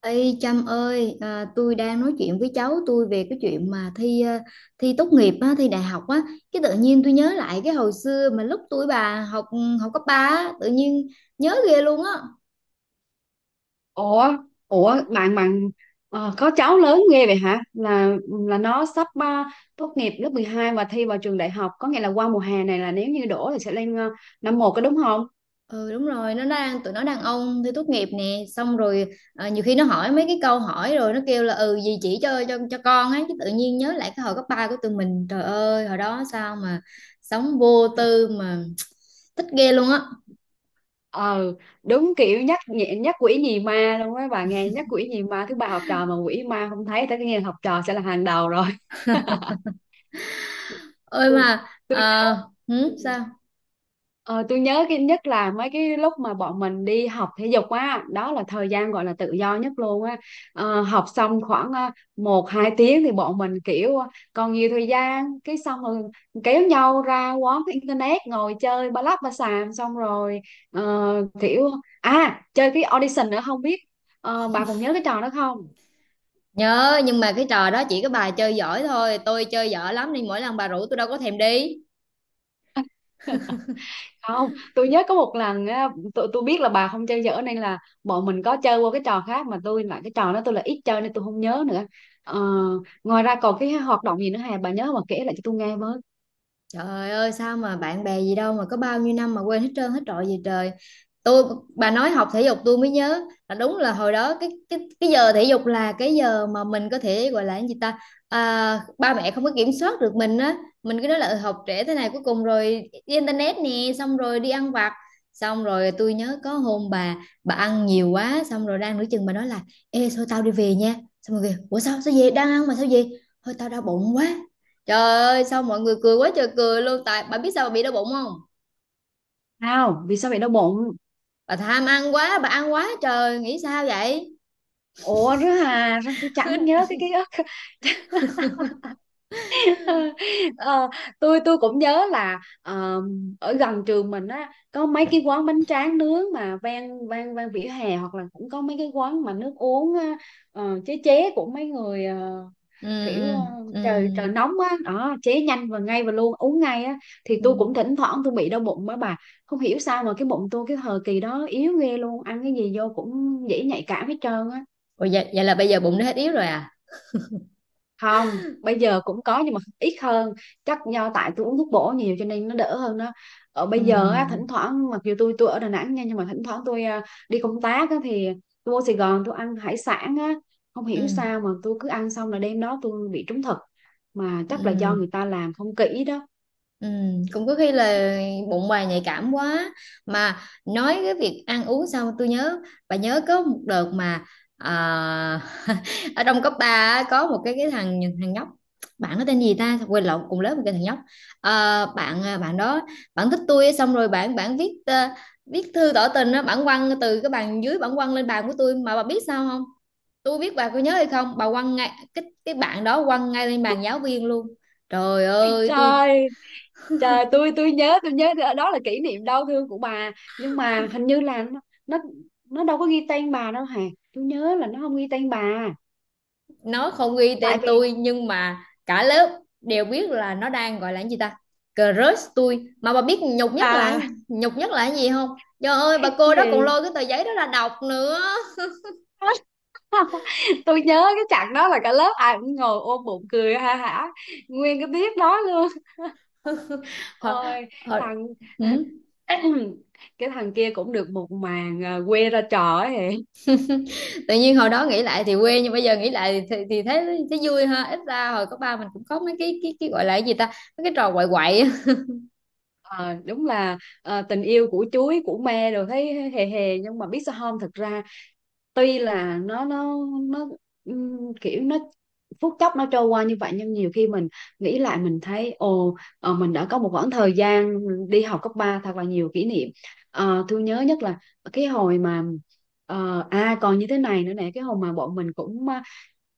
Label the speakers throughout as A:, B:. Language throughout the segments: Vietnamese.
A: Ê Trâm ơi, tôi đang nói chuyện với cháu tôi về cái chuyện mà thi tốt nghiệp á, thi đại học á, cái tự nhiên tôi nhớ lại cái hồi xưa mà lúc tuổi bà học học cấp 3, á, tự nhiên nhớ ghê luôn á.
B: Ủa, ủa bạn bạn có cháu lớn ghê vậy hả? Là nó sắp tốt nghiệp lớp 12 và thi vào trường đại học, có nghĩa là qua mùa hè này là nếu như đổ thì sẽ lên năm một có đúng không?
A: Ừ đúng rồi, nó đang tụi nó đàn ông thi tốt nghiệp nè, xong rồi nhiều khi nó hỏi mấy cái câu hỏi rồi nó kêu là ừ gì chỉ cho con ấy, cái tự nhiên nhớ lại cái hồi cấp 3 của tụi mình, trời ơi, hồi đó sao mà sống vô tư mà thích ghê luôn á.
B: Ờ, đúng kiểu nhắc quỷ nhì ma luôn á, bà nghe nhắc quỷ nhì ma thứ ba học trò mà quỷ ma không thấy tới cái học trò sẽ là hàng đầu rồi.
A: Ơi mà ờ, hử,
B: Ừ.
A: sao?
B: Ờ, tôi nhớ cái nhất là mấy cái lúc mà bọn mình đi học thể dục á, đó là thời gian gọi là tự do nhất luôn á. Ờ, học xong khoảng một hai tiếng thì bọn mình kiểu còn nhiều thời gian, cái xong rồi kéo nhau ra quán cái internet ngồi chơi ba lắp ba xàm, xong rồi ờ, kiểu chơi cái audition nữa không biết, bà còn nhớ cái trò đó không?
A: Nhớ nhưng mà cái trò đó chỉ có bà chơi giỏi thôi, tôi chơi dở lắm nên mỗi lần bà rủ tôi đâu có thèm đi.
B: Không, tôi nhớ có một lần á, tôi biết là bà không chơi dở nên là bọn mình có chơi qua cái trò khác, mà tôi lại cái trò đó tôi là ít chơi nên tôi không nhớ nữa. ờ, ngoài ra còn cái hoạt động gì nữa Hà, bà nhớ mà kể lại cho tôi nghe với.
A: Trời ơi, sao mà bạn bè gì đâu mà có bao nhiêu năm mà quên hết trơn hết trọi gì trời. Tôi, bà nói học thể dục tôi mới nhớ là đúng là hồi đó cái giờ thể dục là cái giờ mà mình có thể gọi là cái gì ta, ba mẹ không có kiểm soát được mình á, mình cứ nói là "Ừ, học trễ thế này cuối cùng rồi đi internet nè, xong rồi đi ăn vặt. Xong rồi tôi nhớ có hôm bà ăn nhiều quá xong rồi đang nửa chừng bà nói là ê thôi tao đi về nha. Xong rồi kìa, ủa sao sao về đang ăn mà sao về? Thôi tao đau bụng quá. Trời ơi sao mọi người cười quá trời cười luôn, tại bà biết sao bà bị đau bụng không?
B: Sao? Vì sao vậy đau bụng?
A: Bà tham ăn quá, bà ăn quá trời, nghĩ sao vậy?
B: Ủa rứa Hà, sao tôi chẳng nhớ cái ký ức? ờ, tôi cũng nhớ là ở gần trường mình á có mấy cái quán bánh tráng nướng mà ven ven ven vỉa hè, hoặc là cũng có mấy cái quán mà nước uống á, chế chế của mấy người,
A: ừ,
B: kiểu
A: ừ, ừ,
B: trời trời nóng á đó, chế nhanh và ngay và luôn uống ngay á, thì tôi cũng
A: ừ.
B: thỉnh thoảng tôi bị đau bụng á bà. Không hiểu sao mà cái bụng tôi cái thời kỳ đó yếu ghê luôn, ăn cái gì vô cũng dễ nhạy cảm hết trơn á.
A: Ủa, vậy, vậy là bây giờ bụng nó hết yếu rồi à?
B: Không, bây giờ cũng có nhưng mà ít hơn, chắc do tại tôi uống thuốc bổ nhiều cho nên nó đỡ hơn đó. Ở
A: Ừ,
B: bây giờ á, thỉnh thoảng mặc dù tôi ở Đà Nẵng nha, nhưng mà thỉnh thoảng tôi đi công tác á, thì tôi vô Sài Gòn tôi ăn hải sản á, không hiểu
A: ừ,
B: sao mà tôi cứ ăn xong là đêm đó tôi bị trúng thực, mà
A: ừ.
B: chắc là do
A: ừ.
B: người ta làm không kỹ đó.
A: Ừ, cũng có khi là bụng bà nhạy cảm quá, mà nói cái việc ăn uống xong tôi nhớ, bà nhớ có một đợt mà à, ở trong cấp 3 có một cái thằng thằng nhóc, bạn nó tên gì ta quên lộn, cùng lớp một cái thằng nhóc. Bạn đó, bạn thích tôi, xong rồi bạn bạn viết viết thư tỏ tình á, bạn quăng từ cái bàn dưới bạn quăng lên bàn của tôi, mà bà biết sao không, tôi biết bà có nhớ hay không, bà quăng ngay cái bạn đó quăng ngay lên bàn giáo viên luôn. Trời ơi, tôi,
B: Trời, trời, tôi nhớ nhớ đó là kỷ niệm đau thương của bà, nhưng mà hình như là nó, nó đâu có ghi tên bà đâu hả? Tôi nhớ là nó không ghi tên bà.
A: nó không ghi
B: Tại
A: tên
B: vì
A: tôi nhưng mà cả lớp đều biết là nó đang gọi là cái gì ta, crush tôi, mà bà biết nhục nhất là,
B: à
A: nhục nhất là cái gì không, trời ơi bà
B: cái
A: cô đó còn
B: gì?
A: lôi cái tờ giấy đó ra đọc nữa.
B: Tôi nhớ cái chặng đó là cả lớp ai cũng ngồi ôm bụng cười ha hả nguyên cái tiết đó luôn.
A: Hồi,
B: Ôi
A: hồi,
B: thằng,
A: ừ.
B: cái thằng kia cũng được một màn à, quê ra trò ấy hề.
A: Tự nhiên hồi đó nghĩ lại thì quê nhưng bây giờ nghĩ lại thì thấy thấy vui ha, ít ra hồi cấp ba mình cũng có mấy cái cái gọi là cái gì ta, mấy cái trò quậy quậy á.
B: Ờ, đúng là tình yêu của chuối của me rồi thấy hề hề, nhưng mà biết sao không, thật ra tuy là nó kiểu nó phút chốc nó trôi qua như vậy, nhưng nhiều khi mình nghĩ lại mình thấy ồ, mình đã có một khoảng thời gian đi học cấp 3 thật là nhiều kỷ niệm. Ờ, tôi nhớ nhất là cái hồi mà còn như thế này nữa nè, cái hồi mà bọn mình cũng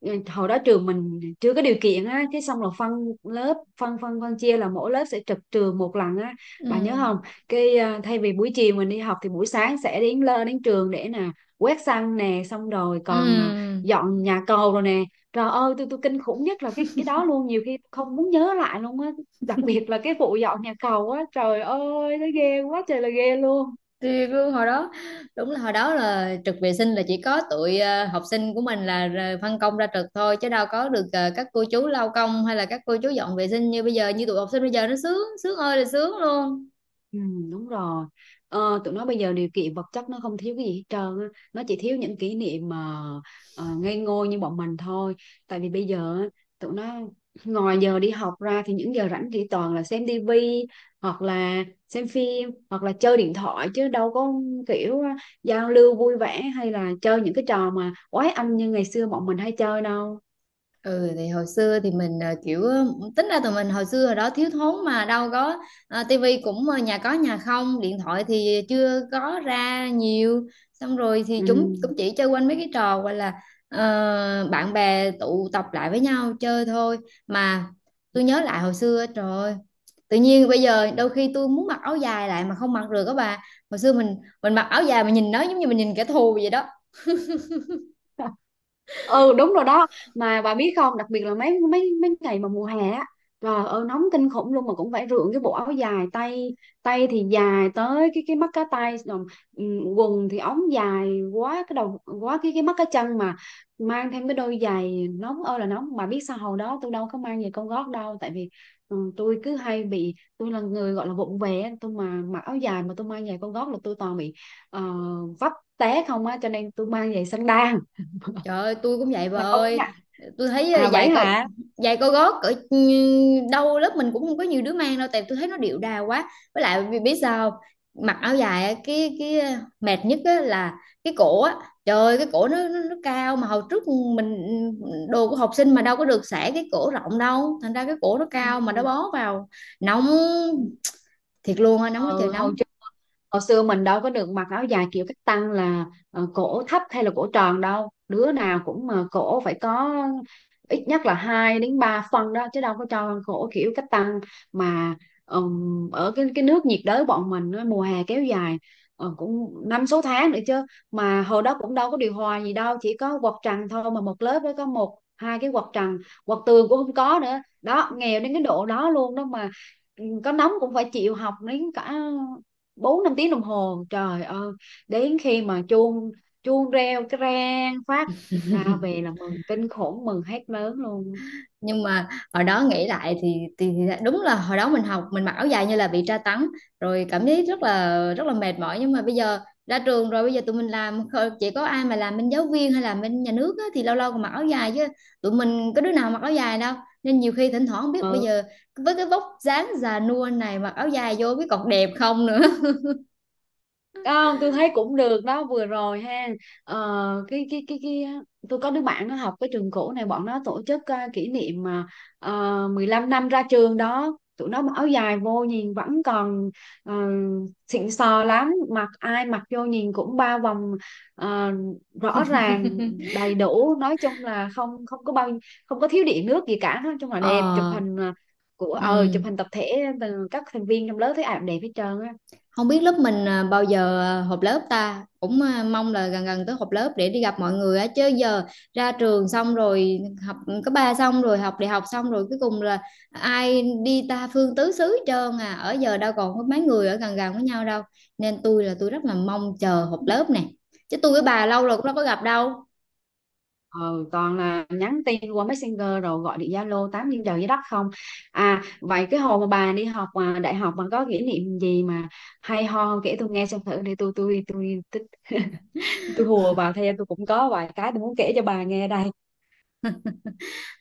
B: ừ, hồi đó trường mình chưa có điều kiện á, cái xong là phân lớp, phân phân phân chia là mỗi lớp sẽ trực trường một lần á,
A: Ừ.
B: bà nhớ không? Cái thay vì buổi chiều mình đi học thì buổi sáng sẽ đến lơ đến trường để nè quét sân nè, xong rồi còn
A: Ừ.
B: dọn nhà cầu rồi nè. Trời ơi, tôi kinh khủng nhất là cái đó luôn, nhiều khi không muốn nhớ lại luôn á, đặc biệt là cái vụ dọn nhà cầu á, trời ơi nó ghê quá trời là ghê luôn.
A: Thì cứ hồi đó, đúng là hồi đó là trực vệ sinh là chỉ có tụi học sinh của mình là phân công ra trực thôi chứ đâu có được các cô chú lau công hay là các cô chú dọn vệ sinh như bây giờ, như tụi học sinh bây giờ nó sướng, sướng ơi là sướng luôn.
B: Ừ, đúng rồi. Tụi nó bây giờ điều kiện vật chất nó không thiếu cái gì hết trơn á, nó chỉ thiếu những kỷ niệm mà ngây ngô như bọn mình thôi. Tại vì bây giờ á, tụi nó ngoài giờ đi học ra thì những giờ rảnh chỉ toàn là xem tivi, hoặc là xem phim, hoặc là chơi điện thoại, chứ đâu có kiểu giao lưu vui vẻ hay là chơi những cái trò mà quái anh như ngày xưa bọn mình hay chơi đâu.
A: Ừ thì hồi xưa thì mình tính ra tụi mình hồi xưa hồi đó thiếu thốn mà đâu có tivi cũng nhà có nhà không, điện thoại thì chưa có ra nhiều, xong rồi thì
B: Ừ.
A: chúng cũng chỉ chơi quanh mấy cái trò gọi là bạn bè tụ tập lại với nhau chơi thôi, mà tôi nhớ lại hồi xưa trời ơi, tự nhiên bây giờ đôi khi tôi muốn mặc áo dài lại mà không mặc được các bà, hồi xưa mình mặc áo dài mà nhìn nó giống như mình nhìn kẻ thù vậy đó.
B: Ừ đúng rồi đó. Mà bà biết không, đặc biệt là mấy mấy mấy ngày mà mùa hè á, trời ơi nóng kinh khủng luôn, mà cũng phải rượn cái bộ áo dài tay, tay thì dài tới cái mắt cá tay rồi, ừ, quần thì ống dài quá cái đầu, quá cái mắt cá chân, mà mang thêm cái đôi giày nóng ơi là nóng. Bà biết sao hồi đó tôi đâu có mang giày cao gót đâu, tại vì tôi cứ hay bị, tôi là người gọi là vụng về á, tôi mà mặc áo dài mà tôi mang giày cao gót là tôi toàn bị ờ, vấp té không á, cho nên tôi mang giày xăng đan
A: Trời ơi, tôi cũng vậy bà
B: mà công
A: ơi.
B: nhận.
A: Tôi thấy
B: À
A: giày
B: vậy
A: cao
B: hả?
A: giày cao gót ở đâu lớp mình cũng không có nhiều đứa mang đâu, tại tôi thấy nó điệu đà quá. Với lại vì biết sao không? Mặc áo dài á, mệt nhất á là cái cổ á. Trời ơi, cái cổ nó, nó cao mà hồi trước mình, đồ của học sinh mà đâu có được xẻ cái cổ rộng đâu, thành ra cái cổ nó
B: Ừ.
A: cao mà nó
B: Ừ.
A: bó vào, nóng thiệt luôn á, nóng quá trời
B: Ừ, hồi
A: nóng.
B: hồi xưa mình đâu có được mặc áo dài kiểu cách tăng, là cổ thấp hay là cổ tròn đâu, đứa nào cũng mà cổ phải có ít nhất là 2 đến 3 phân đó, chứ đâu có cho cổ kiểu cách tăng mà. Ở cái nước nhiệt đới bọn mình á, mùa hè kéo dài cũng năm sáu tháng nữa chứ, mà hồi đó cũng đâu có điều hòa gì đâu, chỉ có quạt trần thôi, mà một lớp đó có một hai cái quạt trần, quạt tường cũng không có nữa đó, nghèo đến cái độ đó luôn đó mà. Ừ, có nóng cũng phải chịu học đến cả bốn năm tiếng đồng hồ. Trời ơi, đến khi mà chuông chuông reo cái rang phát ra về là mừng kinh khủng, mừng hết lớn luôn.
A: Nhưng mà hồi đó nghĩ lại thì, thì đúng là hồi đó mình học mình mặc áo dài như là bị tra tấn, rồi cảm thấy rất là mệt mỏi, nhưng mà bây giờ ra trường rồi, bây giờ tụi mình làm chỉ có ai mà làm bên giáo viên hay làm bên nhà nước á, thì lâu lâu còn mặc áo dài chứ tụi mình có đứa nào mặc áo dài đâu, nên nhiều khi thỉnh thoảng không biết bây
B: Ừ.
A: giờ với cái vóc dáng già nua này mặc áo dài vô biết còn đẹp không nữa.
B: Không, tôi thấy cũng được đó vừa rồi ha. Ờ, cái tôi có đứa bạn nó học cái trường cũ này, bọn nó tổ chức kỷ niệm mà 15 năm ra trường đó, tụi nó mặc áo dài vô nhìn vẫn còn ờ, xịn sò lắm, mặc ai mặc vô nhìn cũng ba vòng ờ, rõ ràng đầy đủ, nói chung là không không có bao, không có thiếu điện nước gì cả, nói chung là đẹp. Chụp
A: Ờ.
B: hình ờ, của
A: Ừ.
B: ờ chụp hình tập thể từ các thành viên trong lớp, thấy ảnh đẹp hết trơn á.
A: Không biết lớp mình bao giờ họp lớp ta, cũng mong là gần gần tới họp lớp để đi gặp mọi người á, chứ giờ ra trường xong rồi, học cấp ba xong rồi học đại học xong rồi, cuối cùng là ai đi ta phương tứ xứ hết trơn à, ở giờ đâu còn có mấy người ở gần gần với nhau đâu, nên tôi là tôi rất là mong chờ họp lớp nè, chứ tôi với bà lâu rồi cũng đâu có gặp đâu.
B: Ừ, toàn là nhắn tin qua Messenger rồi gọi điện Zalo tám trên trời dưới đất không. Vậy cái hồi mà bà đi học mà đại học mà có kỷ niệm gì mà hay ho không? Kể tôi nghe xem thử để tôi, tôi hùa vào theo, tôi cũng có vài cái tôi muốn kể cho bà nghe đây.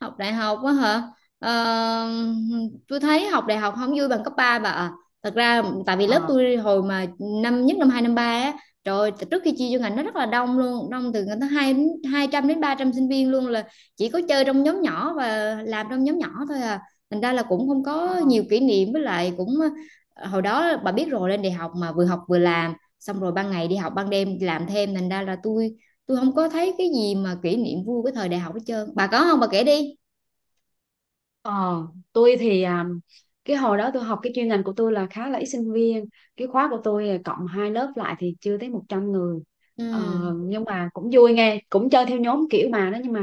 A: Học đại học á hả. Ờ, tôi thấy học đại học không vui bằng cấp 3 bà ạ, thật ra tại vì lớp
B: Ờ.
A: tôi hồi mà năm nhất năm hai năm ba á, trời ơi, trước khi chia vô ngành nó rất là đông luôn, đông từ ngành tới hai hai trăm đến ba trăm sinh viên luôn, là chỉ có chơi trong nhóm nhỏ và làm trong nhóm nhỏ thôi à, thành ra là cũng không có nhiều kỷ niệm, với lại cũng hồi đó bà biết rồi, lên đại học mà vừa học vừa làm, xong rồi ban ngày đi học ban đêm làm thêm, thành ra là tôi không có thấy cái gì mà kỷ niệm vui cái thời đại học hết trơn, bà có không, bà kể đi.
B: Ờ, tôi thì cái hồi đó tôi học cái chuyên ngành của tôi là khá là ít sinh viên, cái khóa của tôi cộng hai lớp lại thì chưa tới 100 người.
A: Ừ.
B: ờ, nhưng mà cũng vui nghe, cũng chơi theo nhóm kiểu mà đó, nhưng mà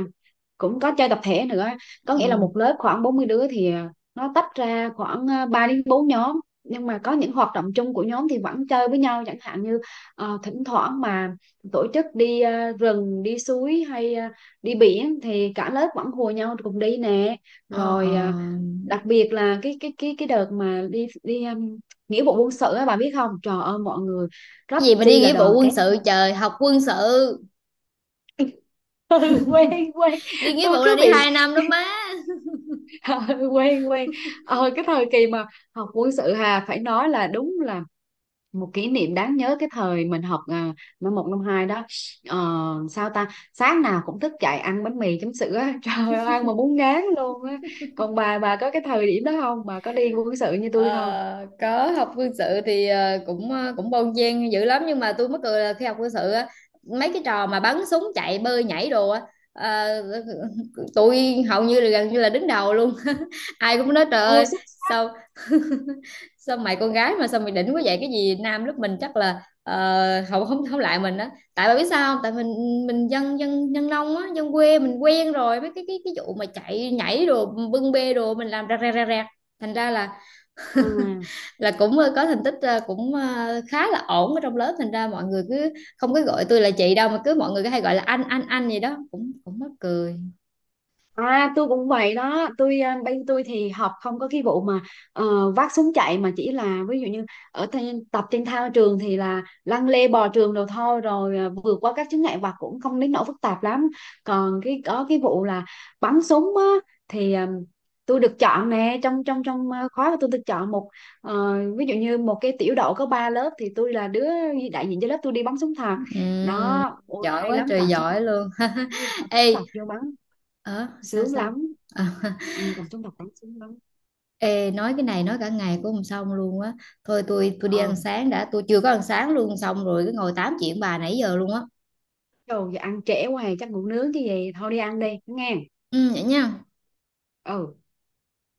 B: cũng có chơi tập thể nữa, có nghĩa là một
A: Ừ.
B: lớp khoảng 40 đứa thì nó tách ra khoảng 3 đến 4 nhóm, nhưng mà có những hoạt động chung của nhóm thì vẫn chơi với nhau, chẳng hạn như thỉnh thoảng mà tổ chức đi rừng đi suối hay đi biển thì cả lớp vẫn hùa nhau cùng đi nè.
A: Ờ,
B: Rồi đặc biệt là cái đợt mà đi đi nghĩa vụ quân sự á, bà biết không, trời ơi mọi người rất
A: cái gì mà đi
B: chi là
A: nghĩa
B: đoàn
A: vụ quân
B: kết
A: sự,
B: luôn.
A: trời, học quân sự,
B: Ừ, quen quen.
A: đi nghĩa
B: Tôi
A: vụ là
B: cứ
A: đi
B: bị,
A: hai năm đó má.
B: quen quen. Ờ cái thời kỳ mà học quân sự hà, phải nói là đúng là một kỷ niệm đáng nhớ cái thời mình học năm một năm hai đó. ờ, sao ta, sáng nào cũng thức dậy ăn bánh mì chấm sữa á. Trời ơi ăn mà muốn ngán luôn á. Còn bà có cái thời điểm đó không, bà có đi quân sự như tôi không?
A: Ờ, có học quân sự thì cũng bon chen dữ lắm, nhưng mà tôi mắc cười là khi học quân sự á, mấy cái trò mà bắn súng chạy bơi nhảy đồ á, ờ, tôi hầu như là gần như là đứng đầu luôn. Ai cũng nói trời
B: Ô.
A: ơi, sao sao mày con gái mà sao mày đỉnh quá vậy, cái gì nam lúc mình chắc là không không không lại mình đó, tại bà biết sao không, tại mình dân dân dân nông á, dân quê mình quen rồi với cái vụ mà chạy nhảy đồ bưng bê đồ mình làm ra ra ra ra, thành ra là
B: À,
A: là cũng có thành tích khá là ổn ở trong lớp, thành ra mọi người cứ không có gọi tôi là chị đâu mà cứ mọi người cứ hay gọi là anh gì đó, cũng cũng mắc cười.
B: à tôi cũng vậy đó. Tôi bên tôi thì học không có cái vụ mà vác súng chạy, mà chỉ là ví dụ như ở trên, tập trên thao trường thì là lăn lê bò trường đồ thôi, rồi vượt qua các chướng ngại vật cũng không đến nỗi phức tạp lắm. Còn cái có cái vụ là bắn súng á, thì tôi được chọn nè, trong trong trong khóa của tôi được chọn một, ví dụ như một cái tiểu đội có ba lớp thì tôi là đứa đại diện cho lớp tôi đi bắn súng thật.
A: Ừm,
B: Đó ôi
A: giỏi
B: hay
A: quá
B: lắm,
A: trời
B: cầm súng thật,
A: giỏi luôn.
B: cầm súng
A: Ê,
B: thật vô bắn
A: ờ sao
B: sướng
A: sao
B: lắm.
A: Ờ.
B: Ừ, còn trong đọc lắm sướng lắm.
A: Ê, nói cái này nói cả ngày cũng không xong luôn á, thôi tôi đi
B: Ờ
A: ăn sáng đã, tôi chưa có ăn sáng luôn, xong rồi cứ ngồi tám chuyện bà nãy giờ luôn á.
B: đồ giờ ăn trễ hoài, chắc ngủ nướng chứ gì, thôi đi ăn đi nghe.
A: Ừ vậy nha.
B: Ừ.